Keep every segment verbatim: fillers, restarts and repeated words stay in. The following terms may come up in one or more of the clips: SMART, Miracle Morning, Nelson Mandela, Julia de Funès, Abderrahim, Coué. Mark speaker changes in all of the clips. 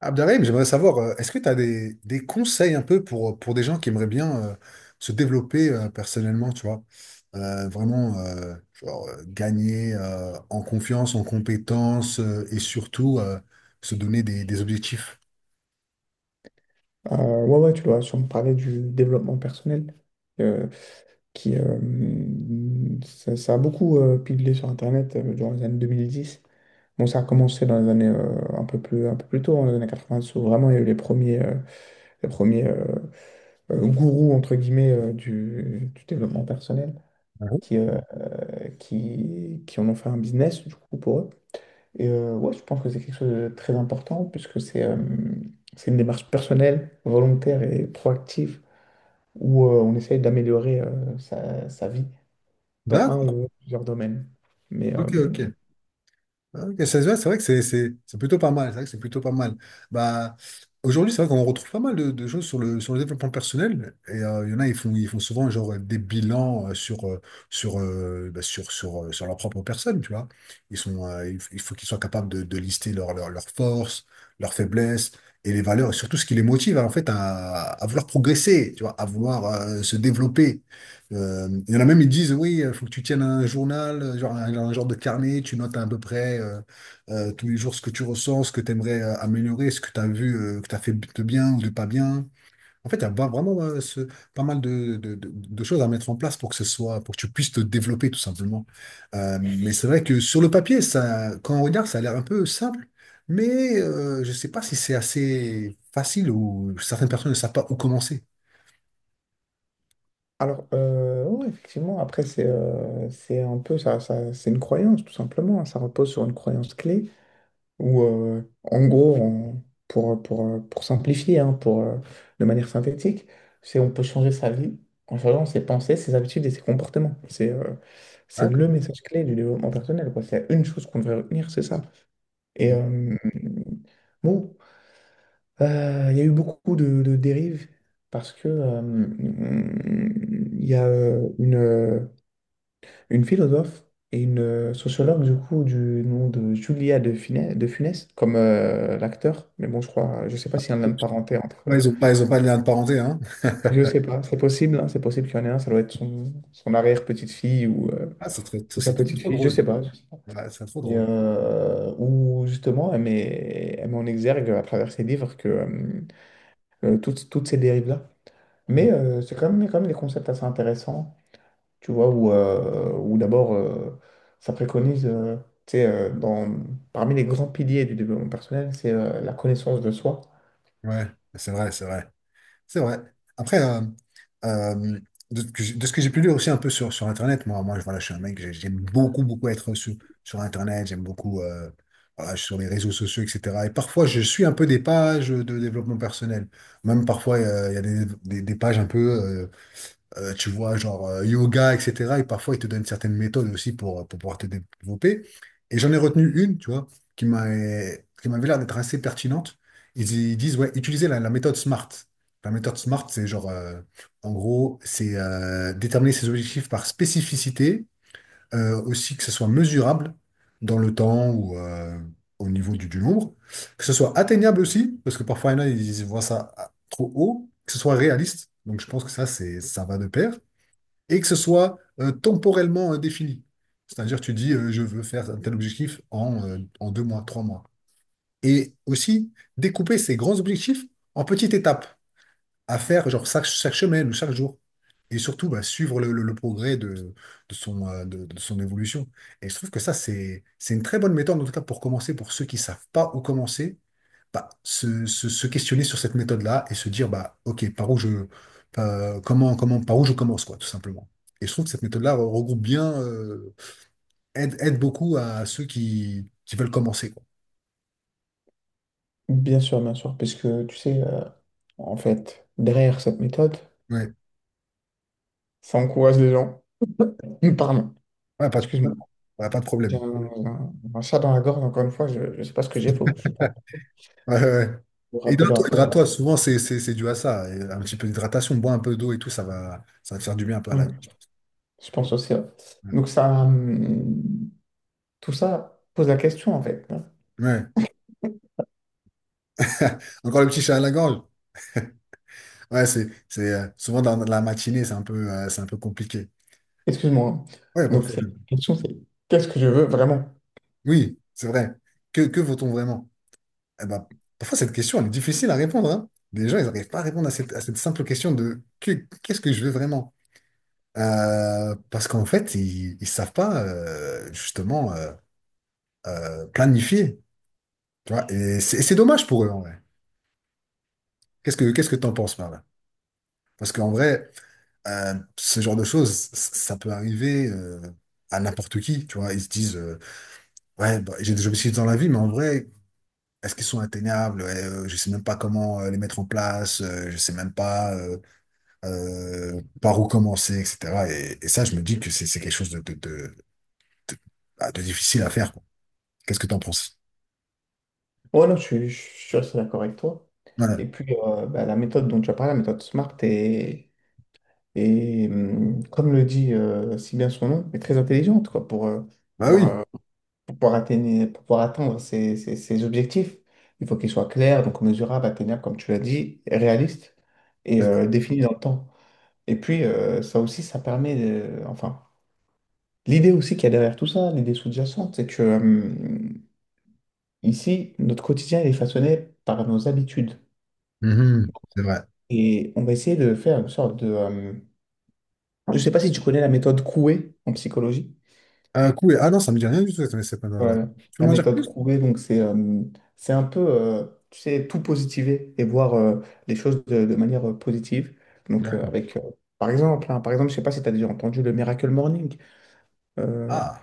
Speaker 1: Abderrahim, j'aimerais savoir, euh, est-ce que tu as des, des conseils un peu pour, pour des gens qui aimeraient bien euh, se développer euh, personnellement, tu vois? Euh, vraiment, euh, genre, euh, gagner euh, en confiance, en compétence euh, et surtout euh, se donner des, des objectifs.
Speaker 2: Euh, ouais, ouais, tu dois sûrement parler du développement personnel, euh, qui, euh, ça, ça a beaucoup euh, pigé sur Internet euh, durant les années deux mille dix. Bon, ça a commencé dans les années euh, un peu plus, un peu plus tôt, dans les années quatre-vingt-dix, où vraiment il y a eu les premiers, euh, les premiers euh, euh, gourous, entre guillemets, euh, du, du développement personnel,
Speaker 1: Ah bon.
Speaker 2: qui, euh, qui, qui en ont fait un business, du coup, pour eux. Et euh, ouais, je pense que c'est quelque chose de très important, puisque c'est euh, c'est une démarche personnelle, volontaire et proactive où euh, on essaye d'améliorer euh, sa, sa vie dans un
Speaker 1: D'accord,
Speaker 2: ou plusieurs domaines. Mais euh,
Speaker 1: ok, ok. Ah, ok, ça se voit, c'est vrai que c'est c'est- c'est plutôt pas mal. C'est vrai que c'est plutôt pas mal. Bah, aujourd'hui, c'est vrai qu'on retrouve pas mal de, de choses sur le, sur le développement personnel. Et euh, il y en a, ils font, ils font souvent genre, des bilans euh, sur, euh, sur, euh, bah, sur, sur, euh, sur leur propre personne, tu vois. Ils sont, euh, il f- il faut qu'ils soient capables de, de lister leurs leur, forces, leurs faiblesses et les valeurs, et surtout ce qui les motive en fait, à, à vouloir progresser, tu vois, à vouloir euh, se développer. Euh, il y en a même, ils disent, oui, il faut que tu tiennes un journal, euh, genre un, un genre de carnet, tu notes à peu près euh, euh, tous les jours ce que tu ressens, ce que tu aimerais améliorer, ce que tu as vu, euh, que tu as fait de bien ou de pas bien. En fait, il y a va- vraiment euh, ce- pas mal de, de- de- de choses à mettre en place pour que ce soit, pour que tu puisses te développer tout simplement. Euh, mais c'est vrai que sur le papier, ça, quand on regarde, ça a l'air un peu simple, mais euh, je ne sais pas si c'est assez facile ou certaines personnes ne savent pas où commencer.
Speaker 2: alors, euh, ouais, effectivement, après, c'est euh, c'est un peu ça, ça- c'est une croyance, tout simplement, hein. Ça repose sur une croyance clé où, euh, en gros, on- pour, pour, pour simplifier, hein, pour, euh, de manière synthétique, c'est on peut changer sa vie en changeant ses pensées, ses habitudes et ses comportements. C'est euh, c'est
Speaker 1: D'accord.
Speaker 2: le message clé du développement personnel, quoi. C'est une chose qu'on devrait retenir, c'est ça. Et euh, bon, Euh, il y a eu beaucoup de, de dérives parce que euh, il y a euh, une, euh, une philosophe et une euh, sociologue du coup du nom de Julia de Funès, de Funès comme euh, l'acteur, mais bon je crois, je sais pas s'il y en a une lien parenté entre.
Speaker 1: Ouais, ils ont pas, ils ont pas de lien de parenté, hein.
Speaker 2: Je sais pas, c'est possible, hein, c'est possible qu'il y en ait un, ça doit être son, son arrière-petite-fille ou, euh,
Speaker 1: Ah, c'est très, ça-
Speaker 2: ou sa
Speaker 1: c'est trop trop
Speaker 2: petite-fille, je sais
Speaker 1: drôle.
Speaker 2: pas.
Speaker 1: Ouais, c'est trop
Speaker 2: Et
Speaker 1: drôle.
Speaker 2: euh, où justement elle met, elle met en exergue à travers ses livres que euh, euh, toutes, toutes ces dérives-là.
Speaker 1: Mhm.
Speaker 2: Mais euh, c'est quand même, quand même des concepts assez intéressants, tu vois, où, euh, où d'abord, euh, ça préconise, euh, tu sais, euh, dans, parmi les grands piliers du développement personnel, c'est euh, la connaissance de soi.
Speaker 1: Ouais, c'est vrai, c'est vrai. C'est vrai. Après, euh, euh, de, ce que j'ai de ce que j'ai pu lire aussi un peu sur, sur Internet, moi, moi, je- voilà, je suis un mec, j'ai- j'aime beaucoup, beaucoup être sur, sur Internet, j'aime beaucoup euh, voilà, sur les réseaux sociaux, et cetera. Et parfois, je suis un peu des pages de développement personnel. Même parfois, euh, il y a des, des, des pages un peu euh, Euh, tu vois, genre euh, yoga, et cetera. Et parfois, ils te donnent certaines méthodes aussi pour, euh, pour pouvoir te développer. Et j'en ai retenu une, tu vois, qui m'a, qui m'avait l'air d'être assez pertinente. Ils, ils disent, ouais, utilisez la, la méthode SMART. La méthode SMART, c'est genre, euh, en gros, c'est euh, déterminer ses objectifs par spécificité, euh, aussi que ce soit mesurable dans le temps ou euh, au niveau du, du nombre, que ce soit atteignable aussi, parce que parfois, il y en a, ils voient ça ah, trop haut, que ce soit réaliste. Donc, je pense que ça, c'est, ça va de pair et que ce soit euh, temporellement euh, défini. C'est-à-dire, tu dis, euh, je veux faire un tel objectif en, euh, en deux mois, trois mois. Et aussi, découper ces grands objectifs en petites étapes à faire, genre chaque, chaque semaine ou chaque jour. Et surtout, bah, suivre le, le- le progrès de, de son, euh, de, de son évolution. Et je trouve que ça, c'est, c'est une très bonne méthode, en tout cas, pour commencer, pour ceux qui savent pas où commencer, bah, se, se- se questionner sur cette méthode-là et se dire, bah, OK, par où je, euh, comment, comment, par où je commence, quoi, tout simplement. Et je trouve que cette méthode-là re- regroupe bien, euh, aide, aide beaucoup à ceux qui, qui veulent commencer, quoi.
Speaker 2: Bien sûr, bien sûr, parce que, tu sais, euh, en fait, derrière cette méthode,
Speaker 1: Ouais.
Speaker 2: ça encourage les gens. Hum, Pardon,
Speaker 1: Ouais, pas, de-
Speaker 2: excuse-moi,
Speaker 1: ouais, pas de
Speaker 2: j'ai
Speaker 1: problème.
Speaker 2: un, un- un chat dans la gorge, encore une fois, je ne sais pas ce que j'ai, faut, je pense
Speaker 1: Ouais, ouais, ouais.
Speaker 2: vous rappeler
Speaker 1: Hydrate-toi,
Speaker 2: après.
Speaker 1: hydrate-toi. Souvent, c'est c'est- c'est dû à ça. Et un petit peu d'hydratation, bois un peu d'eau et tout, ça va, ça va te faire du bien un peu à la...
Speaker 2: Ouais, je pense aussi, ouais.
Speaker 1: Ouais.
Speaker 2: Donc ça, hum, tout ça pose la question, en fait.
Speaker 1: Ouais. Encore le petit chat à la gorge. Ouais, c'est c'est, euh, souvent dans la matinée, c'est un peu, euh, c'est un peu compliqué.
Speaker 2: Excuse-moi.
Speaker 1: Ouais, pas de
Speaker 2: Donc, cette
Speaker 1: problème.
Speaker 2: question, c'est qu'est-ce que je veux vraiment?
Speaker 1: Oui, c'est vrai. Que, que vaut-on vraiment? Eh ben, parfois, cette question, elle est difficile à répondre, hein. Les gens, ils n'arrivent pas à répondre à cette, à cette simple question de que- qu'est-ce que je veux vraiment? Euh, parce qu'en fait, ils ne savent pas euh, justement euh, euh, planifier. Tu vois? Et c'est et c'est dommage pour eux, en vrai. Qu'est-ce que qu'est-ce que t'en penses par là? Parce qu'en vrai, euh, ce genre de choses, c- ça peut arriver euh, à n'importe qui. Tu vois? Ils se disent euh, ouais, bah, j'ai des objectifs dans la vie, mais en vrai. Est-ce qu'ils sont atteignables? Ouais, euh, je sais même pas comment euh, les mettre en place. euh, je sais même pas euh, euh, par où commencer, et cetera. Et, et ça, je me dis que c'est c'est quelque chose de, de, de, de- bah, de difficile à faire, quoi. Qu'est-ce que tu en penses?
Speaker 2: Ouais, non, je, suis je suis assez d'accord avec toi.
Speaker 1: Ouais.
Speaker 2: Et puis, euh, bah, la méthode dont tu as parlé, la méthode SMART, est, est, hum, comme le dit euh, si bien son nom, est très intelligente quoi, pour, euh,
Speaker 1: Bah
Speaker 2: pouvoir,
Speaker 1: oui.
Speaker 2: euh, pour pouvoir atteindre, pour pouvoir atteindre ses, ses- ses objectifs. Il faut qu'ils soient clairs, donc mesurables, atteignables, comme tu l'as dit, réalistes et euh, définis dans le temps. Et puis, euh, ça aussi, ça permet de- Enfin, l'idée aussi qu'il y a derrière tout ça, l'idée sous-jacente, c'est que... mmh, Ici, notre quotidien il est façonné par nos habitudes.
Speaker 1: Mhm, c'est vrai.
Speaker 2: Et on va essayer de faire une sorte de... euh, Je ne sais pas si tu connais la méthode Coué en psychologie.
Speaker 1: Euh, cool. Ah non, ça me dit rien du tout, cette- cette panade-là.
Speaker 2: Voilà.
Speaker 1: Tu peux
Speaker 2: La
Speaker 1: m'en dire
Speaker 2: méthode
Speaker 1: plus?
Speaker 2: Coué, donc c'est euh, c'est un peu, euh, tu sais, tout positiver et voir euh, les choses de, de manière euh, positive. Donc euh,
Speaker 1: D'accord.
Speaker 2: avec, euh, par exemple, hein, par exemple, je ne sais pas si tu as déjà entendu le Miracle Morning. Euh,
Speaker 1: Ah,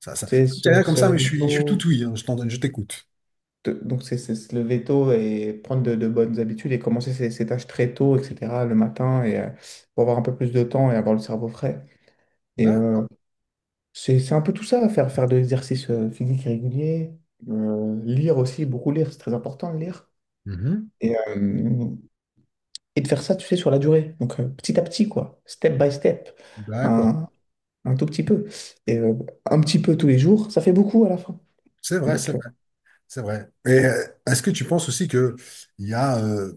Speaker 1: ça, ça.
Speaker 2: tu sais,
Speaker 1: Je dis
Speaker 2: se,
Speaker 1: rien comme
Speaker 2: se
Speaker 1: ça, mais je
Speaker 2: lever
Speaker 1: suis, je suis tout
Speaker 2: tôt,
Speaker 1: ouïe, hein. Je t'en donne, je t'écoute.
Speaker 2: de- donc c'est c'est se lever tôt et prendre de, de bonnes habitudes et commencer ses, ses tâches très tôt, et cetera, le matin, et, euh, pour avoir un peu plus de temps et avoir le cerveau frais. Et
Speaker 1: D'accord.
Speaker 2: euh, c'est c'est un peu tout ça, faire, faire de l'exercice euh, physique régulier, euh, lire aussi, beaucoup lire, c'est très important de lire.
Speaker 1: Mhm.
Speaker 2: Et, euh, et de faire ça, tu sais, sur la durée. Donc euh, petit à petit, quoi, step by step,
Speaker 1: D'accord.
Speaker 2: un, un tout petit peu. Et euh, un petit peu tous les jours, ça fait beaucoup à la fin.
Speaker 1: C'est vrai, c'est
Speaker 2: Donc, euh,
Speaker 1: vrai, c'est vrai. Et euh, est-ce que tu penses aussi que il y a, euh,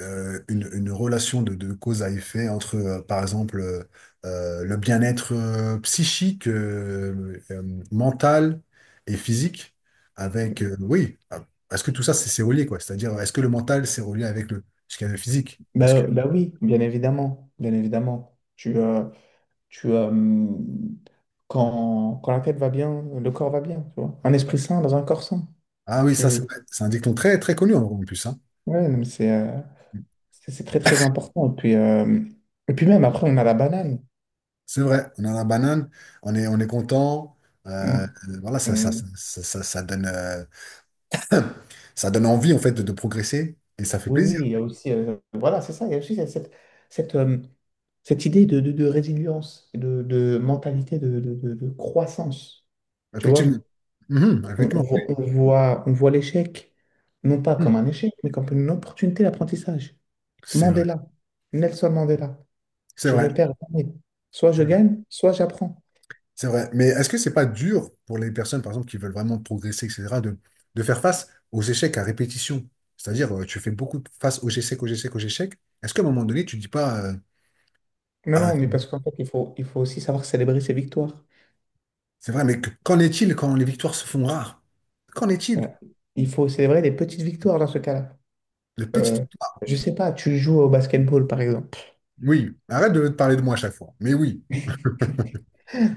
Speaker 1: euh, une, une relation de, de cause à effet entre, euh, par exemple, euh, euh, le bien-être euh, psychique, euh, euh, mental et physique, avec, euh, oui, ah, parce que tout ça, c'est c'est relié, quoi. C'est-à-dire, est-ce que le mental, c'est relié avec le, ce qu'il y a de physique? Parce que,
Speaker 2: bah, bah oui, bien évidemment, bien évidemment. Tu, euh, Tu, euh, quand, quand la tête va bien, le corps va bien, tu vois. Un esprit sain dans un corps sain.
Speaker 1: ah oui, ça, c'est
Speaker 2: Tu...
Speaker 1: vrai. C'est un dicton très, très connu, en en plus, hein.
Speaker 2: Ouais, non, mais c'est euh, c'est c'est très, très important. Et puis, euh, et puis même, après, on a la banane.
Speaker 1: C'est vrai, on a la banane, on est, on est content. euh,
Speaker 2: On-
Speaker 1: euh, voilà, ça, ça,
Speaker 2: on-
Speaker 1: ça, ça, ça- ça donne, euh, ça donne envie en fait de, de progresser et ça fait
Speaker 2: Oui, oui,
Speaker 1: plaisir,
Speaker 2: il y a aussi... euh, voilà, c'est ça. Il y a aussi cette, cette, cette, euh, cette idée de, de, de résilience, et de, de mentalité de, de, de- de croissance, tu
Speaker 1: effectivement.
Speaker 2: vois.
Speaker 1: Mhm,
Speaker 2: On, on
Speaker 1: effectivement.
Speaker 2: voit, on voit, on voit l'échec, non pas
Speaker 1: Hmm.
Speaker 2: comme un échec, mais comme une opportunité d'apprentissage.
Speaker 1: C'est vrai,
Speaker 2: Mandela, Nelson Mandela.
Speaker 1: c'est
Speaker 2: Je
Speaker 1: vrai,
Speaker 2: ne perds jamais. Soit je gagne, soit j'apprends.
Speaker 1: c'est vrai. Mais est-ce que c'est pas dur pour les personnes, par exemple, qui veulent vraiment progresser, et cetera, de, de faire face aux échecs à répétition? C'est-à-dire, euh, tu fais beaucoup de- face aux échecs, aux échecs, aux échecs. Est-ce qu'à un moment donné, tu dis pas, euh,
Speaker 2: Mais
Speaker 1: ah,
Speaker 2: non,
Speaker 1: c'est
Speaker 2: mais
Speaker 1: bon,
Speaker 2: parce qu'en fait, il faut, il faut aussi savoir célébrer ses victoires.
Speaker 1: c'est vrai, mais que- qu'en est-il quand les victoires se font rares? Qu'en est-il?
Speaker 2: Ouais. Il faut célébrer les petites victoires dans ce cas-là.
Speaker 1: Les petites
Speaker 2: Euh,
Speaker 1: victoires.
Speaker 2: je sais pas, tu joues au basketball, par exemple.
Speaker 1: Oui, arrête de te parler de moi à chaque fois. Mais oui.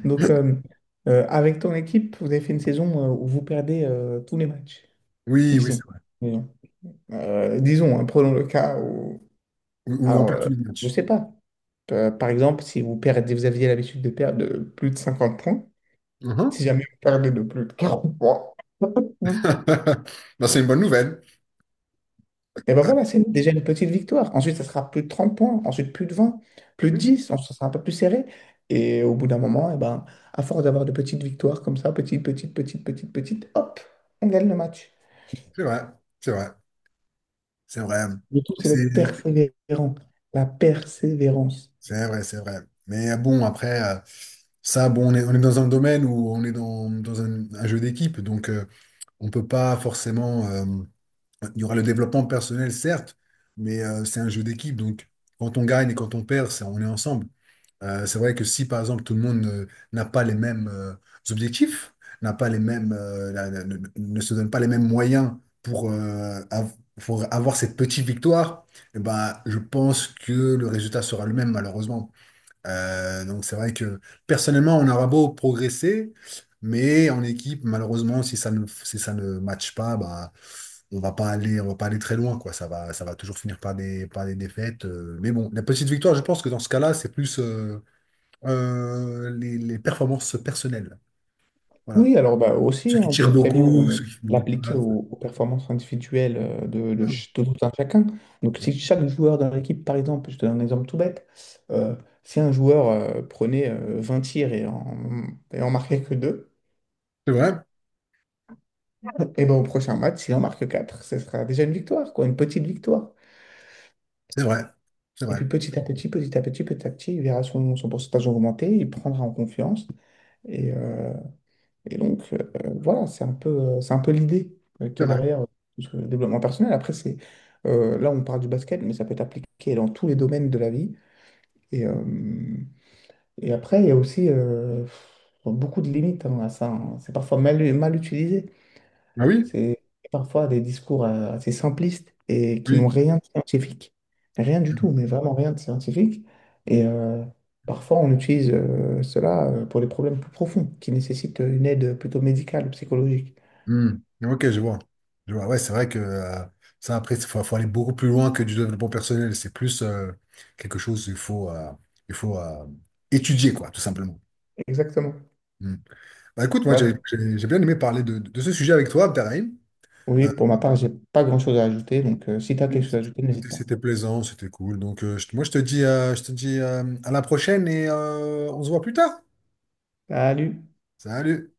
Speaker 2: Donc, euh, euh, avec ton équipe, vous avez fait une saison euh, où vous perdez euh, tous les matchs,
Speaker 1: Oui, oui,
Speaker 2: disons.
Speaker 1: c'est vrai.
Speaker 2: Disons, Euh, disons, hein, prenons le cas où...
Speaker 1: Ou, ou on
Speaker 2: Alors,
Speaker 1: perd
Speaker 2: euh,
Speaker 1: tous les
Speaker 2: je
Speaker 1: matchs.
Speaker 2: sais pas. Euh, par exemple, si vous perdez, vous aviez l'habitude de perdre de plus de cinquante points,
Speaker 1: Mhm.
Speaker 2: si jamais vous perdez de plus de quarante points,
Speaker 1: Ben, c'est une bonne nouvelle.
Speaker 2: et ben voilà, c'est déjà une petite victoire. Ensuite, ça sera plus de trente points, ensuite plus de vingt, plus de
Speaker 1: Oui,
Speaker 2: dix, ensuite ça sera un peu plus serré. Et au bout d'un moment, et ben, à force d'avoir de petites victoires comme ça, petite, petite, petite, petite, petite, hop, on gagne le match.
Speaker 1: c'est vrai, c'est vrai, c'est vrai.
Speaker 2: Le tout, c'est
Speaker 1: C'est
Speaker 2: d'être persévérant, la persévérance.
Speaker 1: C'est vrai, c'est vrai. Mais euh, bon, après, euh, ça, bon, on est, on est dans un domaine où on est dans, dans un, un jeu d'équipe, donc euh, on peut pas forcément. euh, il y aura le développement personnel, certes, mais euh, c'est un jeu d'équipe, donc quand on gagne et quand on perd, c'est- on est ensemble. Euh, c'est vrai que si, par exemple, tout le monde ne- n'a pas les mêmes euh, objectifs, n'a pas les mêmes, euh, la- la- ne, ne se donne pas les mêmes moyens pour, euh, av- pour avoir cette petite victoire, eh ben, je pense que le résultat sera le même, malheureusement. Euh, donc c'est vrai que personnellement, on aura beau progresser, mais en équipe, malheureusement, si ça ne, si ça ne matche pas, bah, on va pas aller, on va pas aller très loin, quoi. Ça va, ça va toujours finir par des, par des défaites. euh, mais bon, la petite victoire, je pense que dans ce cas-là, c'est plus euh, euh, les, les performances personnelles. Voilà.
Speaker 2: Oui, alors bah, aussi,
Speaker 1: Ceux
Speaker 2: hein,
Speaker 1: qui
Speaker 2: on
Speaker 1: tirent
Speaker 2: peut très bien
Speaker 1: beaucoup,
Speaker 2: euh,
Speaker 1: ceux qui font beaucoup de
Speaker 2: l'appliquer
Speaker 1: passes.
Speaker 2: aux, aux performances individuelles euh, de, de, ch- de tout un chacun. Donc, si chaque joueur dans l'équipe, par exemple, je te donne un exemple tout bête, euh, si un joueur euh, prenait euh, vingt tirs et en, et en marquait que deux,
Speaker 1: C'est vrai,
Speaker 2: et ben, au prochain match, s'il en marque quatre, ce sera déjà une victoire, quoi, une petite victoire.
Speaker 1: c'est vrai, c'est
Speaker 2: Et
Speaker 1: vrai,
Speaker 2: puis petit à petit, petit à petit, petit à petit, il verra son, son pourcentage augmenter, il prendra en confiance. Et, euh, Et donc, euh, voilà, c'est un peu, euh, c'est un peu l'idée euh,
Speaker 1: c'est
Speaker 2: qu'il y a
Speaker 1: vrai.
Speaker 2: derrière euh, tout ce développement personnel. Après, c'est, euh, là, on parle du basket, mais ça peut être appliqué dans tous les domaines de la vie. Et, euh, et après, il y a aussi euh, beaucoup de limites, hein, à ça, hein. C'est parfois mal, mal utilisé.
Speaker 1: Ah oui,
Speaker 2: C'est parfois des discours euh, assez simplistes et qui n'ont
Speaker 1: oui.
Speaker 2: rien de scientifique. Rien du tout, mais vraiment rien de scientifique. Et euh, parfois, on utilise euh, cela euh, pour des problèmes plus profonds qui nécessitent une aide plutôt médicale ou psychologique.
Speaker 1: Hmm. Ok, je vois. Je vois. Ouais, c'est vrai que euh, ça, après, il faut, faut aller beaucoup plus loin que du développement personnel. C'est plus euh, quelque chose qu'il faut, euh, il faut euh, étudier, quoi, tout simplement.
Speaker 2: Exactement.
Speaker 1: Hmm. Bah, écoute, moi, j'ai
Speaker 2: Bah,
Speaker 1: j'ai- j'ai bien aimé parler de, de ce sujet avec toi, Abderrahim.
Speaker 2: oui,
Speaker 1: Euh,
Speaker 2: pour ma part, j'ai pas grand-chose à ajouter, donc euh, si tu as quelque chose à ajouter,
Speaker 1: c'était
Speaker 2: n'hésite pas.
Speaker 1: c'était plaisant, c'était cool. Donc, euh, je- moi, je te dis, euh, je te dis euh, à la prochaine et euh, on se voit plus tard.
Speaker 2: Salut!
Speaker 1: Salut!